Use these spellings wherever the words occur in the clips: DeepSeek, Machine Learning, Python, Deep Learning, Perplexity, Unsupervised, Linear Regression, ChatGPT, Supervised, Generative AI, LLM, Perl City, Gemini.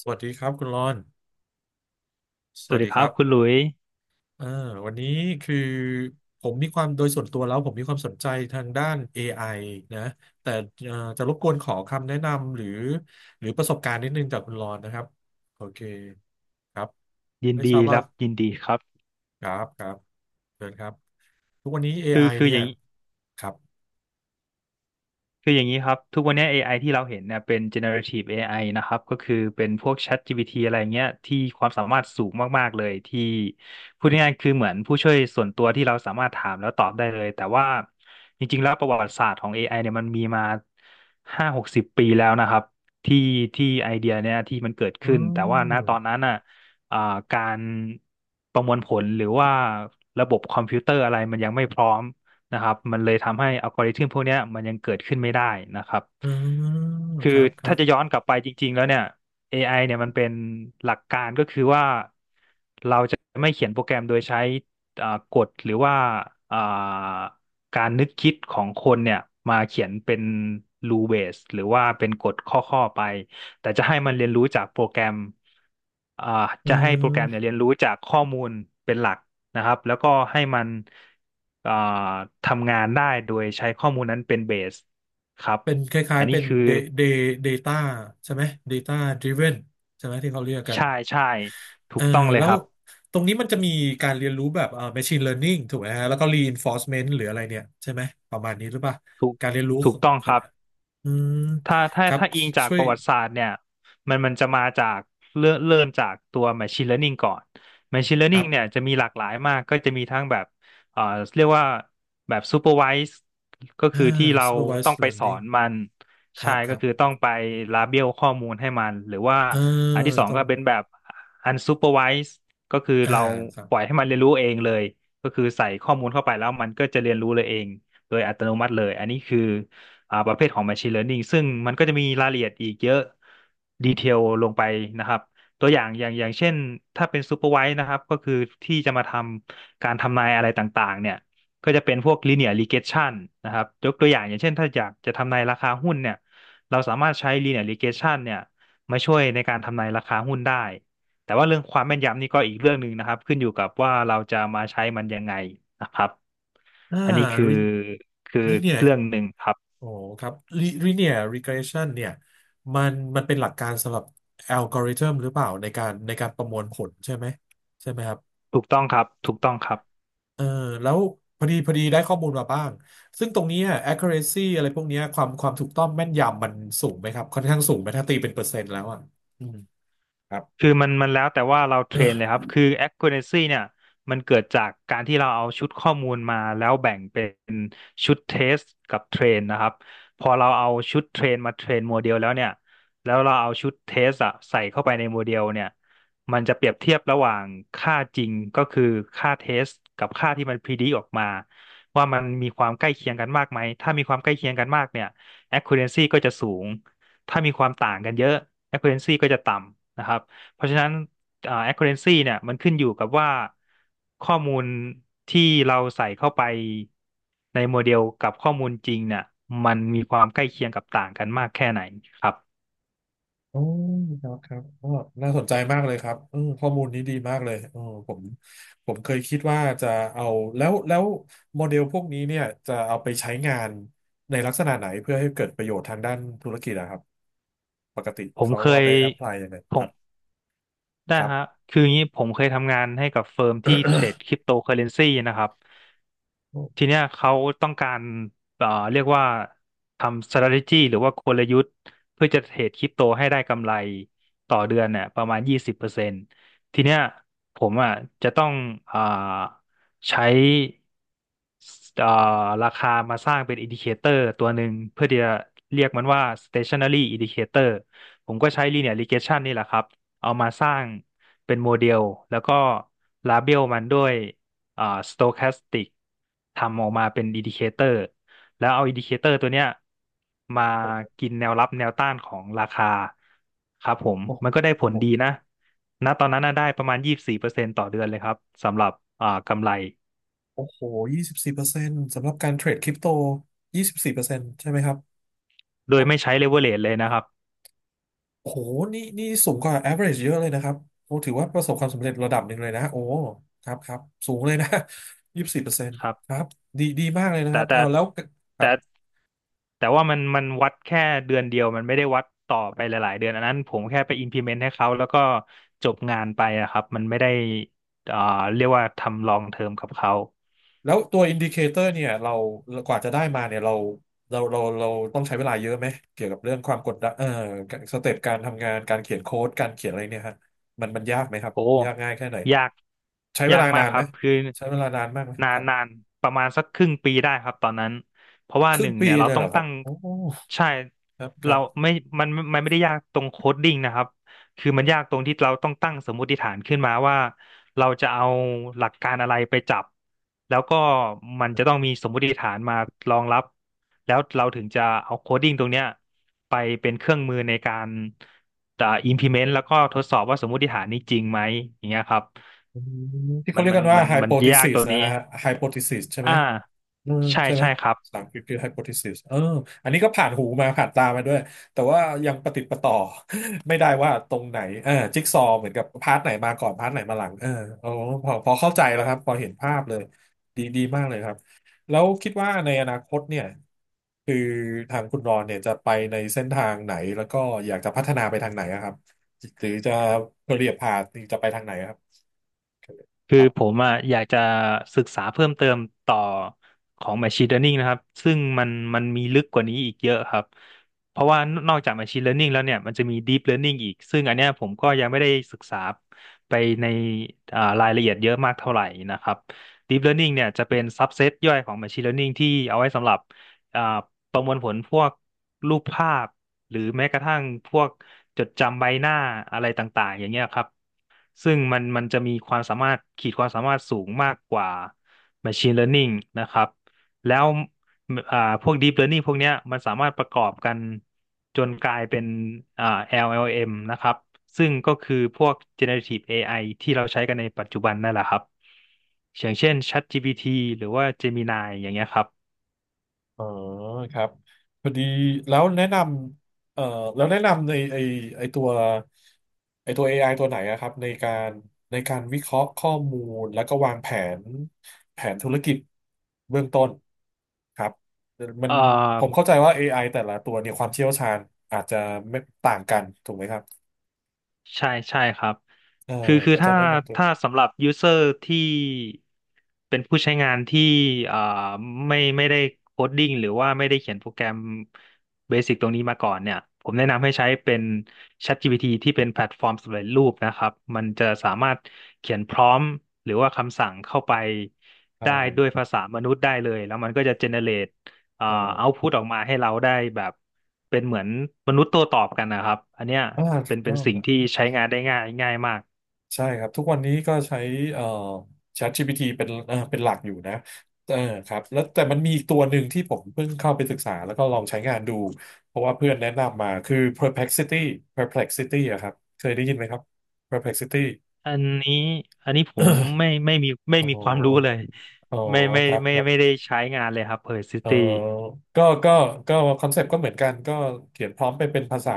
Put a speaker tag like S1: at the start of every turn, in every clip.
S1: สวัสดีครับคุณรอนส
S2: ส
S1: วั
S2: วั
S1: ส
S2: สดี
S1: ดี
S2: ค
S1: ค
S2: รั
S1: รั
S2: บ
S1: บ
S2: คุณหลุย
S1: เออวันนี้คือผมมีความโดยส่วนตัวแล้วผมมีความสนใจทางด้าน AI นะแต่จะรบกวนขอคำแนะนำหรือประสบการณ์นิดนึงจากคุณรอนนะครับโอเคครับ
S2: ยิน
S1: ไม่ท
S2: ดี
S1: ราบว่า
S2: รับยินดีครับ
S1: ครับเชิญครับทุกวันนี้
S2: คื
S1: AI
S2: อคือ
S1: เนี่
S2: อ
S1: ย
S2: ย่างนี้
S1: ครับ
S2: คืออย่างนี้ครับทุกวันนี้ AI ที่เราเห็นเนี่ยเป็น generative AI นะครับก็คือเป็นพวก ChatGPT อะไรเงี้ยที่ความสามารถสูงมากๆเลยที่พูดง่ายๆคือเหมือนผู้ช่วยส่วนตัวที่เราสามารถถามแล้วตอบได้เลยแต่ว่าจริงๆแล้วประวัติศาสตร์ของ AI เนี่ยมันมีมา5-60 ปีแล้วนะครับที่ที่ไอเดียเนี่ยที่มันเกิด
S1: อื
S2: ขึ้นแต่ว่าณตอน
S1: ม
S2: นั้นอ่ะอ่าการประมวลผลหรือว่าระบบคอมพิวเตอร์อะไรมันยังไม่พร้อม นะครับมันเลยทำให้อัลกอริทึมพวกเนี้ยมันยังเกิดขึ้นไม่ได้นะครับ
S1: เออ
S2: คื
S1: ค
S2: อ
S1: รับครั
S2: ถ้า
S1: บ
S2: จะย้อนกลับไปจริงๆแล้วเนี่ย AI เนี่ยมันเป็นหลักการก็คือว่าเราจะไม่เขียนโปรแกรมโดยใช้กฎหรือว่าอ่าการนึกคิดของคนเนี่ยมาเขียนเป็น rule base หรือว่าเป็นกฎข้อๆไปแต่จะให้มันเรียนรู้จากโปรแกรมอ่า
S1: เ
S2: จะให้โปรแกรมเนี่ย
S1: ออ
S2: เรียนรู้จากข้อมูลเป็นหลัก นะครับแล้วก็ให้มันอ่าทำงานได้โดยใช้ข้อมูลนั้นเป็นเบสครับ
S1: เป็นคล้า
S2: อั
S1: ย
S2: น
S1: ๆ
S2: นี้
S1: เป็น
S2: คือ
S1: Da- Data ใช่ไหม Data Driven ใช่ไหมที่เขาเรียกกัน
S2: ใช่ใช่ถู
S1: เออ
S2: กต้องเลย
S1: แล้
S2: ค
S1: ว
S2: รับ
S1: ตรงนี้มันจะมีการเรียนรู้แบบMachine Learning ถูกไหมฮะแล้วก็ Reinforcement หรืออะไรเนี่ยใช่ไหมประมาณนี้หรือเปล่า
S2: ถูก
S1: การเรียนรู้
S2: ถู
S1: ขอ
S2: ก
S1: ง
S2: ต้อง
S1: ค
S2: ค
S1: รับ
S2: รับ
S1: อืม
S2: ถ้า
S1: ครับ
S2: อิงจาก
S1: ช่ว
S2: ป
S1: ย
S2: ระวัติศาสตร์เนี่ยมันจะมาจากเริ่มจากตัว Machine Learning ก่อน Machine
S1: ครั
S2: Learning
S1: บ
S2: เนี่ยจะมีหลากหลายมากก็จะมีทั้งแบบเอ่อเรียกว่าแบบ Supervised ก็
S1: อ่า
S2: คือที่เราต้อ
S1: Supervised
S2: งไปสอ
S1: Learning
S2: นมัน
S1: ค
S2: ใช่
S1: รับค
S2: ก็
S1: รับ
S2: คือต้องไปลาเบลข้อมูลให้มันหรือว่า
S1: เออ
S2: อันที่สอง
S1: ตร
S2: ก็
S1: ง
S2: เป็นแบบ Unsupervised ก็คือ
S1: อ่า
S2: เรา
S1: ครับ
S2: ปล่อยให้มันเรียนรู้เองเลยก็คือใส่ข้อมูลเข้าไปแล้วมันก็จะเรียนรู้เลยเองโดยอัตโนมัติเลยอันนี้คือ ประเภทของ Machine Learning ซึ่งมันก็จะมีรายละเอียดอีกเยอะดีเทลลงไปนะครับตัวอย่างอย่างเช่นถ้าเป็น Supervised นะครับก็คือที่จะมาทำการทำนายอะไรต่างๆเนี่ยก็จะเป็นพวก Linear Regression นะครับยกตัวอย่างอย่างเช่นถ้าอยากจะทำนายราคาหุ้นเนี่ยเราสามารถใช้ Linear Regression เนี่ยมาช่วยในการทำนายราคาหุ้นได้แต่ว่าเรื่องความแม่นยำนี่ก็อีกเรื่องหนึ่งนะครับขึ้นอยู่กับว่าเราจะมาใช้มันยังไงนะครับ
S1: อ่า
S2: อันนี้คือ
S1: re-
S2: คือ
S1: เนีย
S2: เรื่องหนึ่งครับ
S1: โอ้ครับ linear regression เนี่ยมันมันเป็นหลักการสำหรับอัลกอริทึมหรือเปล่าในการประมวลผลใช่ไหมใช่ไหมครับ
S2: ถูกต้องครับถูกต้องครับ
S1: เออแล้วพอดีได้ข้อมูลมาบ้างซึ่งตรงเนี้ย accuracy อะไรพวกเนี้ยความถูกต้องแม่นยำมันสูงไหมครับค่อนข้างสูงไหมถ้าตีเป็นเปอร์เซ็นต์แล้วอ่ะอืมครับ
S2: คือมันแล้วแต่ว่าเราเทรนเลยครับคือ accuracy เนี่ยมันเกิดจากการที่เราเอาชุดข้อมูลมาแล้วแบ่งเป็นชุดเทสกับเทรนนะครับพอเราเอาชุดเทรนมาเทรนโมเดลแล้วเนี่ยแล้วเราเอาชุดเทสอะใส่เข้าไปในโมเดลเนี่ยมันจะเปรียบเทียบระหว่างค่าจริงก็คือค่าเทสกับค่าที่มันพอ d ด c ออกมาว่ามันมีความใกล้เคียงกันมากไหมถ้ามีความใกล้เคียงกันมากเนี่ย accuracy ก็จะสูงถ้ามีความต่างกันเยอะ accuracy ก็จะต่ำนะครับ เพราะฉะนั้นaccuracy เนี่ยมันขึ้นอยู่กับว่าข้อมูลที่เราใส่เข้าไปในโมเดลกับข้อมูลจริงเนี่ยมันมีความใกล้เคียงกับต่างกันมากแค่ไหนครับ
S1: อ๋อครับครับก็น่าสนใจมากเลยครับเออข้อมูลนี้ดีมากเลยเออผมผมเคยคิดว่าจะเอา แล้วโมเดลพวกนี้เนี่ยจะเอาไปใช้งานในลักษณะไหนเพื่อให้เกิดประโยชน์ทางด้านธุรกิจนะครับปกติ
S2: ผม
S1: เขา
S2: เค
S1: เอา
S2: ย
S1: ไปแอพพลายยังไง
S2: ผ
S1: ครั
S2: ม
S1: บ
S2: ได้
S1: ครั
S2: ฮะ
S1: บ
S2: คืออย่างนี้ผมเคยทำงานให้กับเฟิร์มที่เทรดคริปโตเคอเรนซีนะครับ
S1: โอ
S2: ที
S1: ้
S2: เนี้ยเขาต้องการเรียกว่าทำ strategy หรือว่ากลยุทธ์เพื่อจะเทรดคริปโตให้ได้กำไรต่อเดือนเนี่ยประมาณ20%ทีเนี้ยผมอ่ะจะต้องอ่าใช้เอ่อราคามาสร้างเป็น indicator ตัวหนึ่งเพื่อที่จะเรียกมันว่า stationary indicator ผมก็ใช้ linear regression นี่แหละครับเอามาสร้างเป็นโมเดลแล้วก็ label มันด้วย อ่า stochastic ทำออกมาเป็น Indicator แล้วเอา Indicator ตัวเนี้ยมา
S1: โ
S2: กินแนวรับแนวต้านของราคาครับผม
S1: ห
S2: มันก็ได้ผ
S1: โอ้
S2: ล
S1: โห
S2: ดีนะณตอนนั้นน่ะได้ประมาณ24%ต่อเดือนเลยครับสำหรับกำไร
S1: โอ้โหยี่สิบสี่เปอร์เซ็นต์สำหรับการเทรดคริปโตยี่สิบสี่เปอร์เซ็นต์ใช่ไหมครับ
S2: โดยไม่ใช้เลเวอเร e เลยนะครับ
S1: โอ้โหนี่นี่สูงกว่า average เยอะเลยนะครับโอ้ถือว่าประสบความสำเร็จระดับหนึ่งเลยนะโอ้ครับครับสูงเลยนะ ยี่สิบสี่เปอร์เซ็นต์
S2: ครั
S1: ค
S2: บ
S1: รับดีดีมากเลยนะค
S2: แต่
S1: รับ
S2: แต่
S1: เอาแล้วครับ
S2: แต่ แต่ว่ามันวัดแค่เดือนเดียวมันไม่ได้วัดต่อไปหลายๆเดือนอันนั้นผมแค่ไป implement ให้เขาแล้วก็จบงานไปอะครับมันไม่ได้เอ่อเรียกว่าทำลองเทอมกับเขา
S1: แล้วตัวอินดิเคเตอร์เนี่ยเรากว่าจะได้มาเนี่ยเราเราต้องใช้เวลาเยอะไหมเกี่ยวกับเรื่องความกดดันสเต็ปการทำงานการเขียนโค้ดการเขียนอะไรเนี่ยฮะมันมันยากไหมครับ
S2: โอ้
S1: ยากง่ายแค่ไหน
S2: ยาก
S1: ใช้เว
S2: ยาก
S1: ลา
S2: มาก
S1: นาน
S2: ค
S1: ไห
S2: รั
S1: ม
S2: บคือ
S1: ใช้เวลานานมากไหมครับ
S2: นานประมาณสักครึ่งปีได้ครับตอนนั้นเพราะว่า
S1: ค
S2: ห
S1: รึ่ง
S2: นึ่ง
S1: ปี
S2: เนี่ยเรา
S1: เลย
S2: ต้
S1: เห
S2: อ
S1: ร
S2: ง
S1: อครั
S2: ตั้
S1: บ
S2: ง
S1: โอ้
S2: ใช่
S1: ครับครั
S2: เรา
S1: บ
S2: ไม่มันไม่ได้ยากตรงโคดดิ้งนะครับ คือมันยากตรงที่เราต้องตั้งสมมติฐานขึ้นมาว่าเราจะเอาหลักการอะไรไปจับแล้วก็มันจะต้องมีสมมติฐานมารองรับแล้วเราถึงจะเอาโคดดิ้งตรงเนี้ยไปเป็นเครื่องมือในการimplement แล้วก็ทดสอบว่าสมมติฐานนี้จริงไหมอย่างเงี้ยครับ
S1: อืมที่เขาเรียกกันว่า
S2: มันยาก
S1: hypothesis
S2: ตัวนี้
S1: นะฮะ hypothesis ใช่ไหม
S2: อ่า
S1: อืมใช่ไหม
S2: ใช่ครับ
S1: ภาษาอังกฤษคือ hypothesis เอออันนี้ก็ผ่านหูมาผ่านตามาด้วย แต่ว่ายังประติดประต่อ ไม่ได้ว่าตรงไหนเออจิ๊กซอว์เหมือนกับพาร์ทไหนมาก่อนพาร์ทไหนมาหลังเออโอ้พอเข้าใจแล้วครับ พอเห็นภาพเลยดีดีมากเลยครับ แล้วคิดว่าในอนาคตเนี่ยคือทางคุณรอนเนี่ยจะไปในเส้นทางไหนแล้วก็อยากจะพัฒนาไปทางไหนอะครับ หรือจะเปลี่ยนพาสจะไปทางไหนอะครับ
S2: คื
S1: ค
S2: อ
S1: รั
S2: ผ
S1: บ
S2: มอ่ะอยากจะศึกษาเพิ่มเติมต่อของ Machine Learning นะครับซึ่งมันมันมีลึกกว่านี้อีกเยอะครับเพราะว่านอกจาก Machine Learning แล้วเนี่ยมันจะมี Deep Learning อีกซึ่งอันเนี้ยผมก็ยังไม่ได้ศึกษาไปในอ่ารายละเอียดเยอะมากเท่าไหร่นะครับ Deep Learning เนี่ยจะเป็น subset ย่อยของ Machine Learning ที่เอาไว้สำหรับอ่าประมวลผลพวกรูปภาพหรือแม้กระทั่งพวกจดจำใบหน้าอะไรต่างๆอย่างเงี้ยครับ ซึ่งมันมันจะมีความสามารถขีดความสามารถสูงมากกว่า Machine Learning นะครับแล้วอ่าพวก Deep Learning พวกเนี้ยมันสามารถประกอบกันจนกลายเป็นอ่า LLM นะครับซึ่งก็คือพวก Generative AI ที่เราใช้กันในปัจจุบันนั่นแหละครับอย่างเช่น ChatGPT หรือว่า Gemini อย่างเงี้ยครับ
S1: อ๋อครับพอดีแล้วแนะนำแล้วแนะนำในไอตัวไอตัว AI ตัวไหนอะครับในการวิเคราะห์ข้อมูลแล้วก็วางแผนแผนธุรกิจเบื้องต้นครับมัน
S2: เอ่อ
S1: ผมเข้าใจว่า AI แต่ละตัวเนี่ยความเชี่ยวชาญอาจจะไม่ต่างกันถูกไหมครับ
S2: ใช่ใช่ครับ
S1: เออ
S2: คือ
S1: อาจาร
S2: ถ้า
S1: ย์แนะนำตัวไ
S2: สำหรับยูเซอร์ที่เป็นผู้ใช้งานที่อ่าไม่ได้โคดดิ้งหรือว่าไม่ได้เขียนโปรแกรมเบสิกตรงนี้มาก่อนเนี่ยผมแนะนำให้ใช้เป็น ChatGPT ที่เป็นแพลตฟอร์มสำเร็จรูปนะครับมันจะสามารถเขียนพร้อมหรือว่าคำสั่งเข้าไป
S1: ได
S2: ได้ด้วย
S1: ้
S2: ภาษามนุษย์ได้เลยแล้วมันก็จะเจเนเรตอ่า
S1: เออ
S2: เอาพุตออกมาให้เราได้แบบ เป็นเหมือนมนุษย์ตัวตอบกันนะครับอันเนี้ย
S1: อ่าถูก
S2: เป็
S1: ต้อ
S2: น
S1: ง
S2: สิ่งที่ใช้งานได้ง่ายมาก
S1: ใช่ครับทุกวันนี้ก็ใช้เอ่อ ChatGPT เป็นเป็นหลักอยู่นะเออครับแล้วแต่มันมีอีกตัวหนึ่งที่ผมเพิ่งเข้าไปศึกษาแล้วก็ลองใช้งานดูเพราะว่าเพื่อนแนะนำมาคือ Perplexity Perplexity อะครับเคยได้ยินไหมครับ Perplexity
S2: อันนี้อันนี้ผมไม่
S1: อ๋อ
S2: มีความรู้เลย
S1: อ๋อครับครั
S2: ไม่
S1: บ
S2: ได้ใช้งานเลยครับ Perl
S1: เออ
S2: City
S1: ก็ก็คอนเซปต์ก็เหมือนกัน ก็เขียนพร้อมไปเป็นภาษา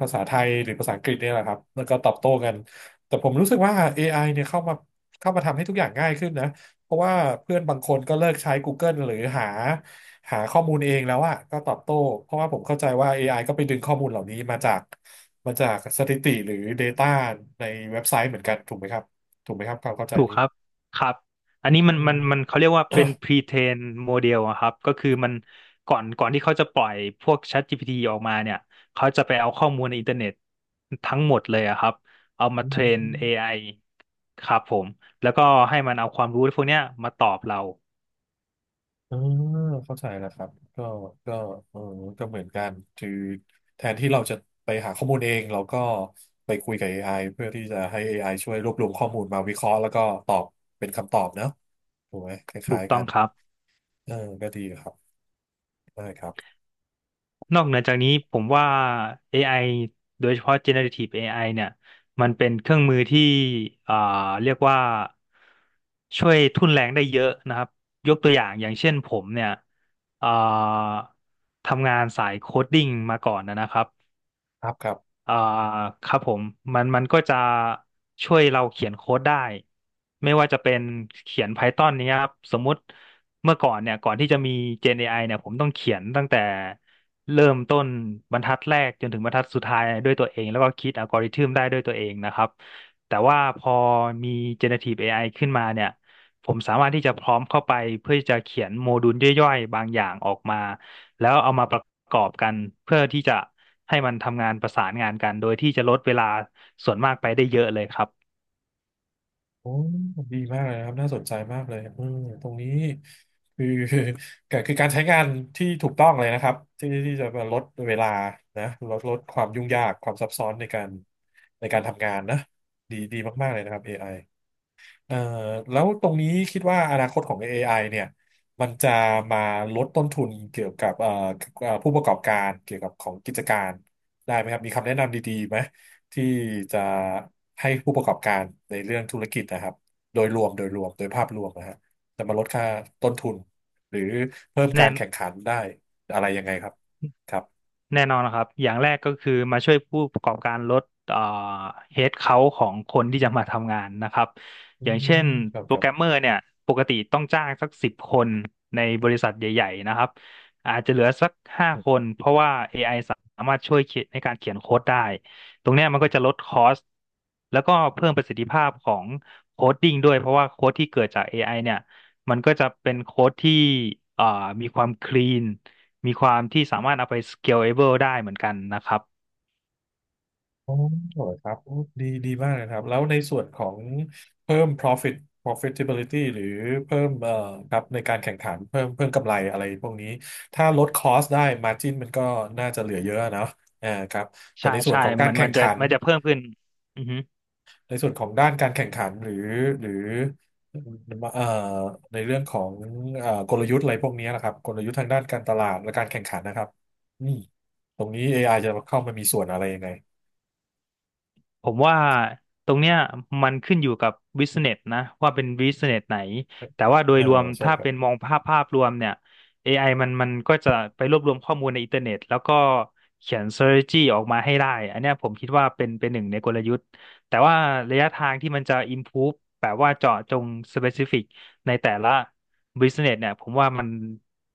S1: ไทยหรือภาษาอังกฤษเนี่ยแหละครับ แล้วก็ตอบโต้กัน แต่ผมรู้สึกว่า AI เนี่ยเข้ามาทำให้ทุกอย่างง่ายขึ้นนะเพราะว่าเพื่อนบางคนก็เลิกใช้ Google หรือหาข้อมูลเองแล้วอะก็ตอบโต้ เพราะว่าผมเข้าใจว่า AI ก็ไปดึงข้อมูลเหล่านี้มาจากสถิติหรือ Data ในเว็บไซต์เหมือนกันถูกไหมครับถูกไหมครับความเข้าใจ
S2: ถูก
S1: นี้
S2: ครับครับอันนี้
S1: อืม
S2: มันเขาเรียกว่าเป็น pre-train model อะครับก็คือมันก่อนที่เขาจะปล่อยพวก ChatGPT ออกมาเนี่ยเขาจะไปเอาข้อมูลในอินเทอร์เน็ตทั้งหมดเลยอะครับเอามาเทรน AI ครับผมแล้วก็ให้มันเอาความรู้พวกเนี้ยมาตอบเรา
S1: อ่าเข้าใจแล้วครับก็ก็เออก็เหมือนกันคือแทนที่เราจะไปหาข้อมูลเองเราก็ไปคุยกับ AI เพื่อที่จะให้ AI ช่วยรวบรวมข้อมูลมาวิเคราะห์แล้วก็ตอบเป็นคำตอบเนอะถูกไหมค
S2: ถู
S1: ล้า
S2: ก
S1: ยๆ
S2: ต้
S1: กั
S2: อง
S1: น
S2: ครับ
S1: เออก็ดีครับได้ครับ
S2: นอกเหนือจากนี้ผมว่า AI โดยเฉพาะ generative AI เนี่ยมันเป็นเครื่องมือที่อ่าเรียกว่าช่วยทุ่นแรงได้เยอะนะครับยกตัวอย่างอย่างเช่นผมเนี่ยอ่าทำงานสายโคดดิ้งมาก่อนนะครับ
S1: ครับครับ
S2: อ่าครับผมมันก็จะช่วยเราเขียนโค้ดได้ไม่ว่าจะเป็นเขียน Python เนี้ยครับสมมุติเมื่อก่อนเนี่ยก่อนที่จะมี Gen AI เนี่ยผมต้องเขียนตั้งแต่เริ่มต้นบรรทัดแรกจนถึงบรรทัดสุดท้ายด้วยตัวเองแล้วก็คิดอัลกอริทึมได้ด้วยตัวเองนะครับแต่ว่าพอมี Generative AI ขึ้นมาเนี่ยผมสามารถที่จะพร้อมเข้าไปเพื่อที่จะเขียนโมดูลย่อยๆบางอย่างออกมาแล้วเอามาประกอบกันเพื่อที่จะ ให้มันทำงานประสานงานกันโดยที่จะลดเวลาส่วนมากไปได้เยอะเลยครับ
S1: โอ้ดีมากเลยนะครับน่าสนใจมากเลยอืมตรงนี้คือ คือก็คือการใช้งานที่ถูกต้องเลยนะครับที่ที่จะมาลดเวลานะลดความยุ่งยากความซับซ้อนในการในการทำงานนะดีดีมากๆเลยนะครับ AI เอ่อแล้วตรงนี้คิดว่าอนาคตของ AI เนี่ยมันจะมาลดต้นทุนเกี่ยวกับผู้ประกอบการเกี่ยวกับของกิจการได้ไหมครับมีคำแนะนำดีๆไหมที่จะให้ผู้ประกอบการในเรื่องธุรกิจนะครับโดยรวมโดยภาพรวมนะฮะจะมาลดค่าต้นทุนหรือเพิ่มกา
S2: แน่
S1: ร
S2: น
S1: แข่งขันได้อะไรยังไงครับครับ
S2: แน่นอนนะครับ อย่างแรกก็คือมาช่วยผู้ประกอบการลดเอ่อเฮดเค้าของคนที่จะมาทำงานนะครับ
S1: อื
S2: อย่างเช่น
S1: มครับ
S2: โป
S1: ค
S2: ร
S1: รั
S2: แกรมเม
S1: บ
S2: อร์เนี่ยปกติต้องจ้างสัก10 คนในบริษัทใหญ่ๆนะครับอาจจะเหลือสัก5 คนเพราะว่า AI สามารถช่วยเขียนในการเขียนโค้ดได้ ตรงเนี้ยมันก็จะลดคอสแล้วก็เพิ่มประสิทธิภาพของโคดดิ้งด้วยเพราะว่าโค้ดที่เกิดจาก AI เนี่ยมันก็จะเป็นโค้ดที่เอ่อมีความคลีน มีความที่สามารถเอาไป scalable ได้เหมือนกันนะครับ
S1: อ๋อครับโอ้ดีดีมากเลยครับแล้วในส่วนของเพิ่ม profit profitability หรือเพิ่มครับในการแข่งขันเพิ่มกำไรอะไรพวกนี้ถ้าลดคอสได้ margin มันก็น่าจะเหลือเยอะเนอะอ่าครับแต่ในส่วน
S2: ใช่
S1: ของการ
S2: มัน
S1: แข่
S2: มั
S1: ง
S2: นจะ
S1: ขัน
S2: จะเพิ่มขึ้นอือฮึ
S1: ในส่วนของด้านการแข่งขันหรือหรือเอ่อในเรื่องของกลยุทธ์อะไรพวกนี้นะครับกลยุทธ์ทางด้านการตลาดและการแข่งขันนะครับอืมตรงนี้ AI จะเข้ามามีส่วนอะไรยังไง
S2: ผมว่าตรงเนี้ยมันขึ้นอยู่กับบิสเนสนะว่าเป็นบิสเนสไหนแต่ว่าโด
S1: เอ
S2: ย
S1: อ
S2: รวม
S1: ใช่
S2: ถ้า
S1: ครับ
S2: เป็นมองภาพรวมเนี่ย AI มันก็จะไปรวบรวมข้อมูลในอินเทอร์เน็ตแล้วก็เขียน strategy ออกมาให้ได้อันเนี้ยผมคิดว่าเป็นหนึ่งในกลยุทธ์แต่ว่าระยะทางที่มันจะ improve แบบว่าเจาะจง specific ในแต่ละ business เนี่ยผมว่ามัน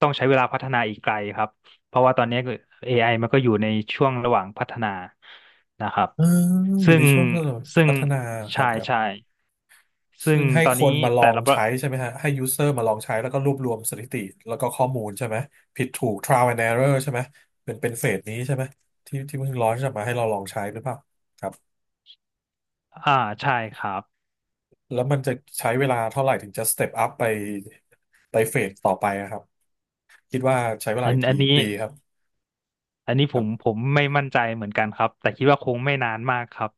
S2: ต้องใช้เวลาพัฒนาอีกไกลครับ เพราะว่าตอนนี้ก็ AI มันก็อยู่ในช่วงระหว่างพัฒนานะครับ
S1: เอออยู่
S2: ซึ่
S1: ใน
S2: ง
S1: ช่วง
S2: ซึ่ง
S1: พัฒนาครั
S2: ใช่
S1: บครั
S2: ใช่
S1: บ
S2: ซึ่
S1: ซึ่
S2: ง
S1: งให้
S2: ตอน
S1: คน
S2: นี้
S1: มาลอ
S2: แต่
S1: ง
S2: ละประ
S1: ใช้ใช่ไหมฮะให้ยูเซอร์มาลองใช้แล้วก็รวบรวมสถิติแล้วก็ข้อมูลใช่ไหมผิดถูก trial and error ใช่ไหมเป็นเป็นเฟสนี้ใช่ไหมที่ที่เพิ่งร้อนจะมาให้เราลองใช้หรือเปล่าครับ
S2: อ่าใช่ครับ
S1: แล้วมันจะใช้เวลาเท่าไหร่ถึงจะสเต็ปอัพไปไปเฟสต่อไปอะครับคิดว่าใช้เว
S2: อั
S1: ลา
S2: นอัน
S1: กี่
S2: นี้
S1: ปีครับ
S2: อันนี้ผมไม่มั่นใจเหมือนกันครับ แต่คิดว่าคงไม่นานมากครับ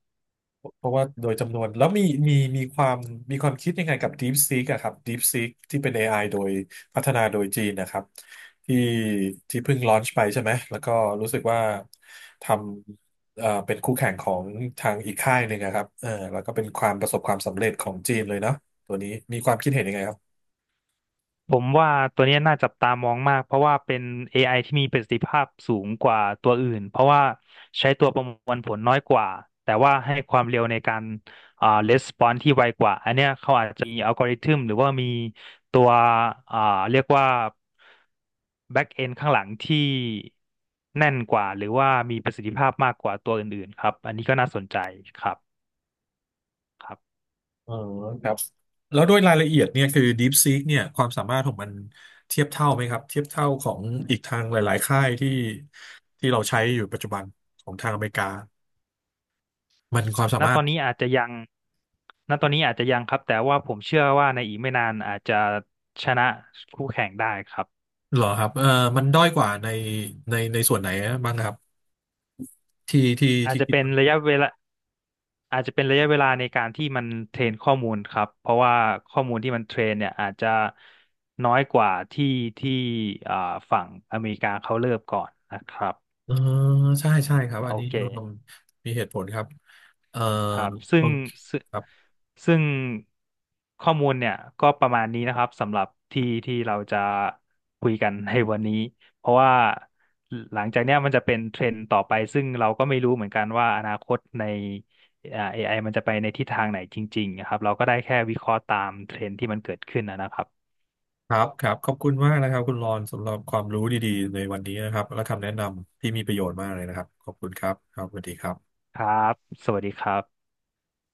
S1: เพราะว่าโดยจำนวนแล้วมีมีความคิดยังไงกับ DeepSeek อะครับ DeepSeek ที่เป็น AI โดยพัฒนาโดยจีนนะครับที่ที่เพิ่งลอนช์ไปใช่ไหมแล้วก็รู้สึกว่าทำเป็นคู่แข่งของทางอีกค่ายหนึ่งอะครับเออแล้วก็เป็นความประสบความสำเร็จของจีนเลยเนาะตัวนี้มีความคิดเห็นยังไงครับ
S2: ผมว่าตัวเนี้ยน่าจับตามองมากเพราะว่าเป็น AI ที่มีประสิทธิภาพสูงกว่าตัวอื่นเพราะว่าใช้ตัวประมวลผลน้อยกว่าแต่ว่าให้ความเร็วในการresponse ที่ไวกว่าอันเนี้ยเขาอาจจะมีอัลกอริทึมหรือว่ามีตัวอ่าเรียกว่า back end ข้างหลังที่แน่นกว่าหรือว่ามีประสิทธิภาพมากกว่าตัวอื่นๆครับอันนี้ก็น่าสนใจครับครับ
S1: อ๋อครับแล้วโด้วยรายละเอียดเนี่ยคือ DeepSeek เนี่ยความสามารถของมันเทียบเท่าไหมครับเทียบเท่าของอีกทางหลายๆค่ายที่ที่เราใช้อยู่ปัจจุบันของทางอเมริกามันความสา
S2: ณ
S1: มา
S2: ต
S1: ร
S2: อ
S1: ถ
S2: นนี้อาจจะยังณตอนนี้อาจจะยังครับแต่ว่าผมเชื่อว่าในอีกไม่นานอาจจะชนะคู่แข่งได้ครับ
S1: เหรอครับเออมันด้อยกว่าในในส่วนไหนบ้างครับที่ที่
S2: อาจจะ
S1: คิด
S2: เป็น
S1: ว่า
S2: ระยะเวลาอาจจะเป็นระยะเวลาในการที่มันเทรนข้อมูลครับเพราะว่าข้อมูลที่มันเทรนเนี่ยอาจจะน้อยกว่าที่อ่าฝั่งอเมริกาเขาเริ่มก่อนนะครับ
S1: เออใช่ใช่ครับอั
S2: โอ
S1: นนี้
S2: เค
S1: เรามีเหตุผลครับเออ
S2: ครับ
S1: โอเค
S2: ซึ่ง
S1: ครับ
S2: ซึ่งข้อมูลเนี่ยก็ประมาณนี้นะครับสำหรับที่เราจะคุยกัน ในวันนี้เพราะว่าหลังจากเนี้ยมันจะเป็นเทรนด์ต่อไปซึ่งเราก็ไม่รู้เหมือนกันว่าอนาคตในAI มันจะไปในทิศทางไหนจริงๆนะครับเราก็ได้แค่วิเคราะห์ตามเทรนด์ที่มันเกิดขึ้นนะครับ
S1: ครับครับขอบคุณมากนะครับคุณรอนสำหรับความรู้ดีๆในวันนี้นะครับและคำแนะนำที่มีประโยชน์มากเลยนะครับขอบคุณครับครับสวัสดีครับ
S2: ครับสวัสดีครับ